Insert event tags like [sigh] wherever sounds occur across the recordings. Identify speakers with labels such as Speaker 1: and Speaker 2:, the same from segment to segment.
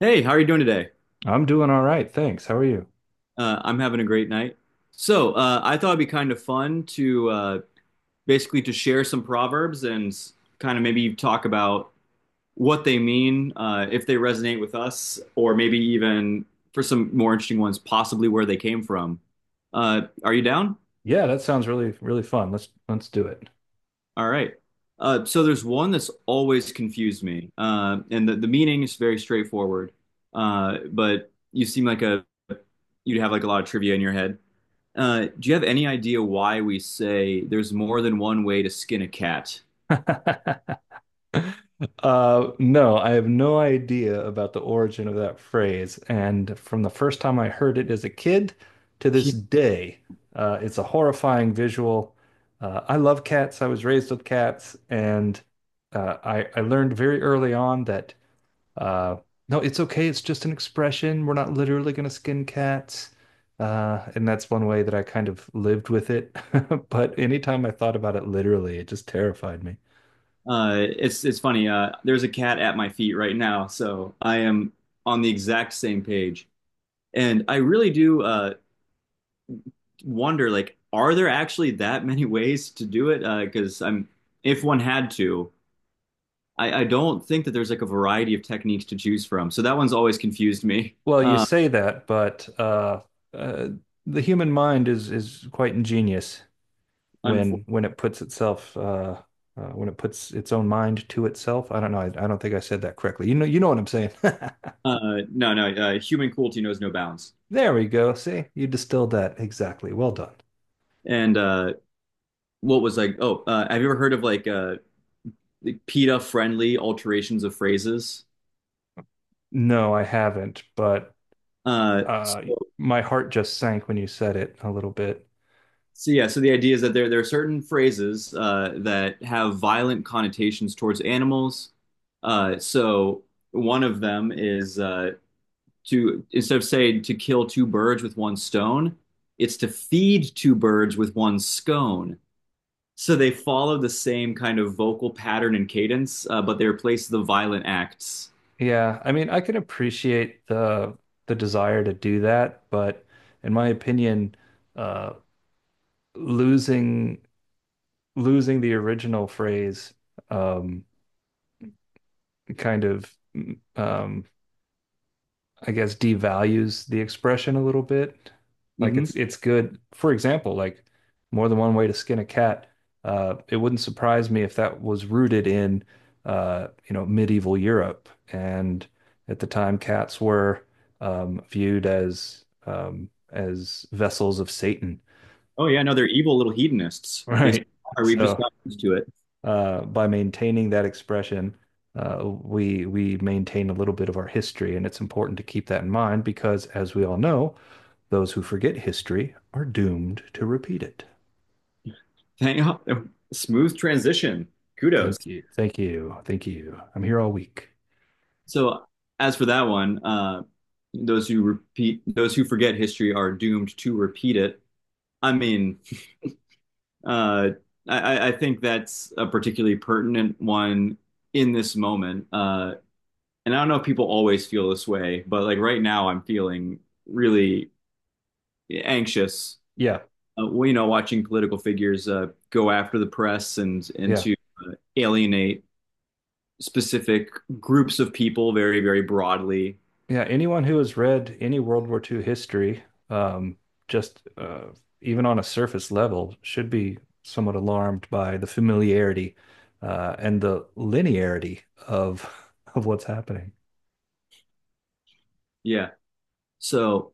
Speaker 1: Hey, how are you doing today?
Speaker 2: I'm doing all right, thanks. How are you?
Speaker 1: I'm having a great night. I thought it'd be kind of fun to basically to share some proverbs and kind of maybe talk about what they mean, if they resonate with us, or maybe even for some more interesting ones, possibly where they came from. Are you down?
Speaker 2: Yeah, that sounds really, really fun. Let's do it.
Speaker 1: All right. So there's one that's always confused me, and the meaning is very straightforward. But you seem like a you'd have like a lot of trivia in your head. Do you have any idea why we say there's more than one way to skin a cat?
Speaker 2: [laughs] No, I have no idea about the origin of that phrase, and from the first time I heard it as a kid to this
Speaker 1: Yeah.
Speaker 2: day, it's a horrifying visual. I love cats. I was raised with cats, and I learned very early on that Uh, no, it's okay. It's just an expression. We're not literally going to skin cats. And that's one way that I kind of lived with it. [laughs] But anytime I thought about it literally, it just terrified me.
Speaker 1: It's funny. There's a cat at my feet right now, so I am on the exact same page. And I really do wonder, like, are there actually that many [laughs] ways to do it? Because I'm, if one had to, I don't think that there's like a variety of techniques to choose from. So that one's always confused me.
Speaker 2: Well, you
Speaker 1: Uh,
Speaker 2: say that, but uh, the human mind is quite ingenious,
Speaker 1: unfor-
Speaker 2: when it puts itself when it puts its own mind to itself. I don't know. I don't think I said that correctly. You know what I'm saying. [laughs]
Speaker 1: no, human cruelty knows no bounds.
Speaker 2: There we go. See, you distilled that exactly. Well done.
Speaker 1: And what was like, oh, have you ever heard of like PETA-friendly alterations of phrases?
Speaker 2: No, I haven't, but
Speaker 1: Uh, so,
Speaker 2: uh, my heart just sank when you said it a little bit.
Speaker 1: so yeah, so the idea is that there are certain phrases that have violent connotations towards animals. So one of them is to instead of saying to kill two birds with one stone, it's to feed two birds with one scone. So they follow the same kind of vocal pattern and cadence, but they replace the violent acts.
Speaker 2: Yeah, I mean, I can appreciate the desire to do that, but in my opinion, uh, losing losing the original phrase um, kind of um, I guess devalues the expression a little bit. Like
Speaker 1: Mm-hmm.
Speaker 2: it's good. For example, like more than one way to skin a cat. It wouldn't surprise me if that was rooted in you know, medieval Europe. And at the time, cats were viewed as vessels of Satan,
Speaker 1: Oh yeah, no, they're evil little
Speaker 2: [laughs]
Speaker 1: hedonists. They
Speaker 2: right?
Speaker 1: are. We've just
Speaker 2: So
Speaker 1: got used to it.
Speaker 2: by maintaining that expression, we maintain a little bit of our history, and it's important to keep that in mind because, as we all know, those who forget history are doomed to repeat it.
Speaker 1: Thank [laughs] smooth transition. Kudos.
Speaker 2: Thank you. Thank you. Thank you. I'm here all week.
Speaker 1: So as for that one, those who forget history are doomed to repeat it. I mean, uh, I think that's a particularly pertinent one in this moment. And I don't know if people always feel this way, but like right now, I'm feeling really anxious.
Speaker 2: Yeah.
Speaker 1: Well, you know, watching political figures go after the press and
Speaker 2: Yeah.
Speaker 1: into alienate specific groups of people very, very broadly.
Speaker 2: Yeah. Anyone who has read any World War II history, um, just even on a surface level, should be somewhat alarmed by the familiarity and the linearity of what's happening.
Speaker 1: Yeah. So,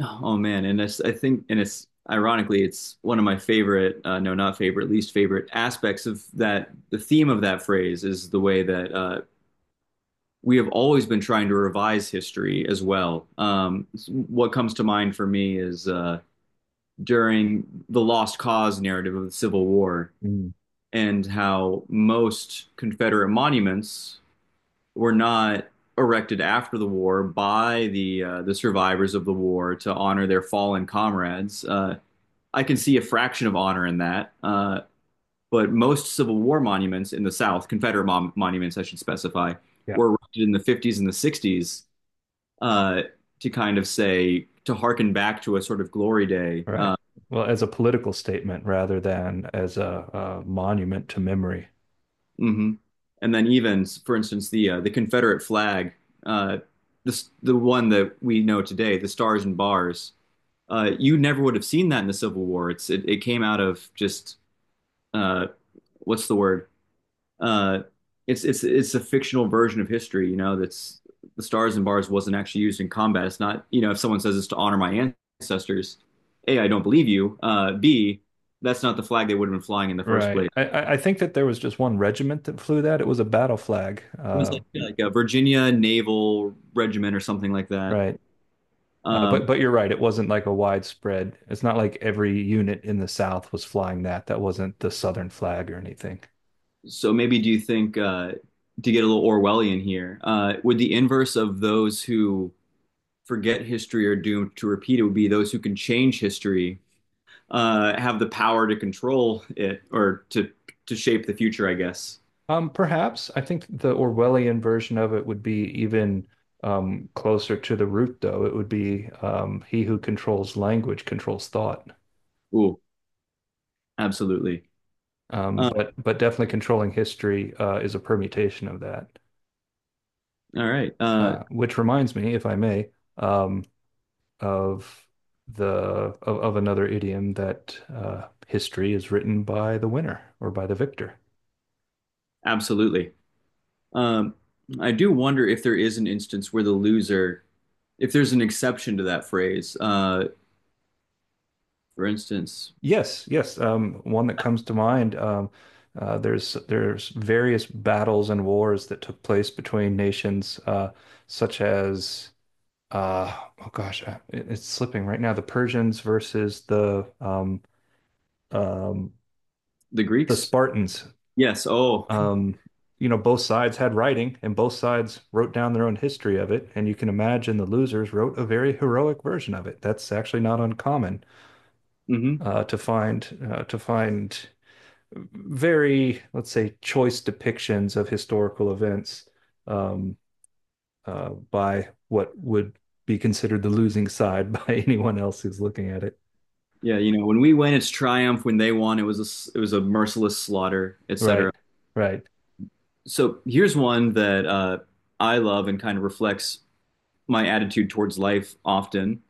Speaker 1: oh man, and it's, I think, and it's ironically, it's one of my favorite, no, not favorite, least favorite aspects of that. The theme of that phrase is the way that we have always been trying to revise history as well. What comes to mind for me is during the Lost Cause narrative of the Civil War,
Speaker 2: Mm.
Speaker 1: and how most Confederate monuments were not erected after the war by the survivors of the war to honor their fallen comrades. I can see a fraction of honor in that, but most Civil War monuments in the South, Confederate monuments, I should specify,
Speaker 2: Yeah.
Speaker 1: were erected in the 50s and the 60s uh, to kind of say to hearken back to a sort of glory day.
Speaker 2: Right. Well, as a political statement rather than as a monument to memory.
Speaker 1: Mhm. And then even, for instance, the Confederate flag, uh, this the one that we know today, the stars and bars. You never would have seen that in the Civil War. It's it, it came out of just uh, what's the word? Uh, it's a fictional version of history. You know, that's the stars and bars wasn't actually used in combat. It's not, you know, if someone says it's to honor my ancestors, a, I don't believe you. B, that's not the flag they would have been flying in the first
Speaker 2: Right.
Speaker 1: place.
Speaker 2: I think that there was just one regiment that flew that. It was a battle flag.
Speaker 1: It was like a Virginia Naval Regiment or something like that.
Speaker 2: Right.
Speaker 1: Um,
Speaker 2: But you're right. It wasn't like a widespread. It's not like every unit in the South was flying that. That wasn't the Southern flag or anything.
Speaker 1: so maybe do you think to get a little Orwellian here, would the inverse of those who forget history or doomed to repeat it would be those who can change history have the power to control it or to shape the future, I guess.
Speaker 2: Perhaps I think the Orwellian version of it would be even closer to the root, though. It would be he who controls language controls thought.
Speaker 1: Ooh, absolutely. uh,
Speaker 2: But definitely controlling history is a permutation of that.
Speaker 1: all right.
Speaker 2: Which reminds me, if I may, um, of the of another idiom that history is written by the winner or by the victor.
Speaker 1: Absolutely. um, I do wonder if there is an instance where the loser, if there's an exception to that phrase, for instance,
Speaker 2: Yes, yes. One that comes to mind. There's various battles and wars that took place between nations, such as uh, oh gosh, it's slipping right now. The Persians versus um,
Speaker 1: the
Speaker 2: the
Speaker 1: Greeks.
Speaker 2: Spartans.
Speaker 1: Yes, oh.
Speaker 2: Um, you know, both sides had writing, and both sides wrote down their own history of it. And you can imagine the losers wrote a very heroic version of it. That's actually not uncommon
Speaker 1: Hmm.
Speaker 2: uh, to find. Very, let's say, choice depictions of historical events um, by what would be considered the losing side [laughs] by anyone else who's looking at it.
Speaker 1: Yeah, you know, when we win it's triumph, when they won it was a, it was a merciless slaughter,
Speaker 2: Right,
Speaker 1: etc.
Speaker 2: right,
Speaker 1: So here's one that I love and kind of reflects my attitude towards life often.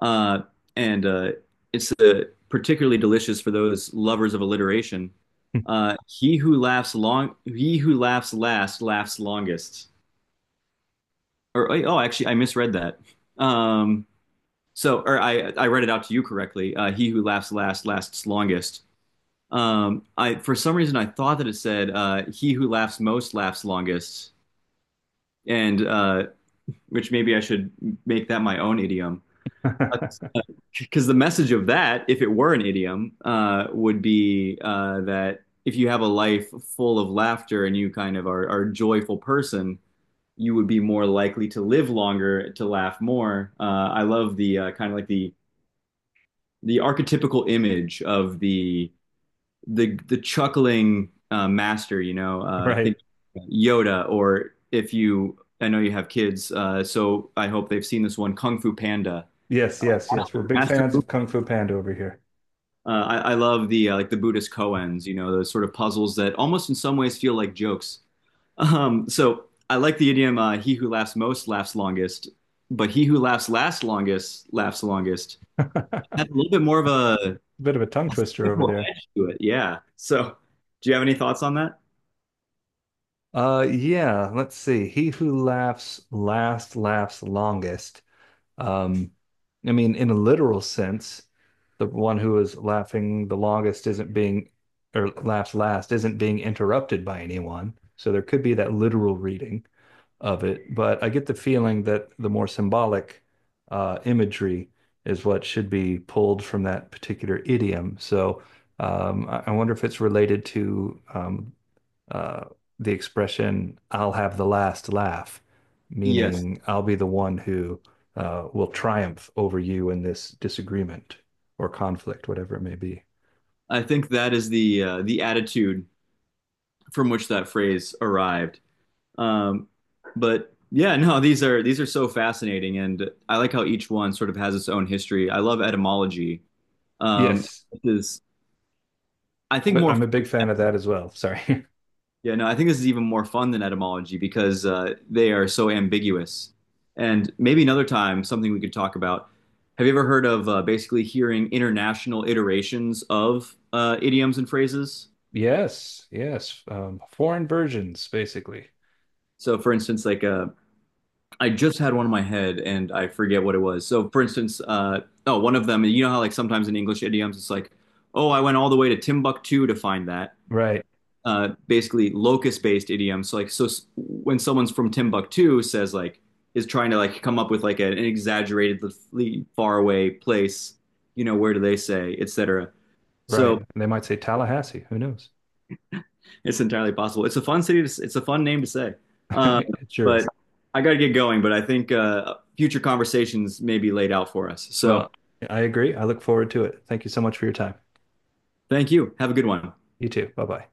Speaker 1: Uh, and it's particularly delicious for those lovers of alliteration.
Speaker 2: [laughs]
Speaker 1: He who laughs last, laughs longest. Or oh, actually, I misread that. Um, so, or I read it out to you correctly. He who laughs last, lasts longest. I for some reason I thought that it said he who laughs most laughs longest, and which maybe I should make that my own idiom. Because the message of that, if it were an idiom, would be that if you have a life full of laughter and you kind of are a joyful person, you would be more likely to live longer, to laugh more. I love the kind of like the archetypical image of the the chuckling master, you know, think
Speaker 2: right.
Speaker 1: Yoda, or if you, I know you have kids, so I hope they've seen this one, Kung Fu Panda.
Speaker 2: Yes, yes, yes. We're big
Speaker 1: Master,
Speaker 2: fans
Speaker 1: uh,
Speaker 2: of Kung Fu Panda over here.
Speaker 1: I, I love the like the Buddhist koans, you know, those sort of puzzles that almost in some ways feel like jokes. [laughs] So I like the idiom, "He who laughs most laughs longest," but he who laughs last longest laughs longest. That's a little bit more of a
Speaker 2: Bit of a tongue twister over
Speaker 1: simple
Speaker 2: there.
Speaker 1: edge to it, yeah. So, do you have any thoughts on that?
Speaker 2: Yeah, let's see. He who laughs last laughs longest. Um, I mean, in a literal sense, the one who is laughing the longest isn't being, or laughs last, isn't being interrupted by anyone. So there could be that literal reading of it. But I get the feeling that the more symbolic imagery is what should be pulled from that particular idiom. So I wonder if it's related to uh, the expression "I'll have the last laugh,"
Speaker 1: Yes.
Speaker 2: meaning I'll be the one who will triumph over you in this disagreement or conflict, whatever it may be.
Speaker 1: I think that is the attitude from which that phrase arrived. Um, but yeah, no, these are so fascinating, and I like how each one sort of has its own history. I love etymology. Um,
Speaker 2: Yes,
Speaker 1: this is I think more
Speaker 2: I'm a big fan of that as well. Sorry. [laughs]
Speaker 1: yeah, no, I think this is even more fun than etymology because they are so ambiguous. And maybe another time something we could talk about. Have you ever heard of basically hearing international iterations of idioms and phrases?
Speaker 2: Yes, yes. Foreign versions, basically.
Speaker 1: So, for instance, like a I just had one in my head and I forget what it was. So, for instance, oh, one of them, you know how like sometimes in English idioms it's like, oh, I went all the way to Timbuktu to find that.
Speaker 2: Right,
Speaker 1: Basically, locus-based idioms. So, like, so when someone's from Timbuktu says like is trying to like come up with like an exaggeratedly far away place, you know, where do they say, etc.
Speaker 2: right.
Speaker 1: So
Speaker 2: And they might say Tallahassee. Who knows?
Speaker 1: it's entirely possible. It's a fun city to, it's a fun name to say. Uh,
Speaker 2: [laughs] It sure
Speaker 1: but
Speaker 2: is.
Speaker 1: I got to get going, but I think future conversations may be laid out for us. So
Speaker 2: Well, I agree. I look forward to it. Thank you so much for your time.
Speaker 1: thank you. Have a good one.
Speaker 2: You too. Bye bye.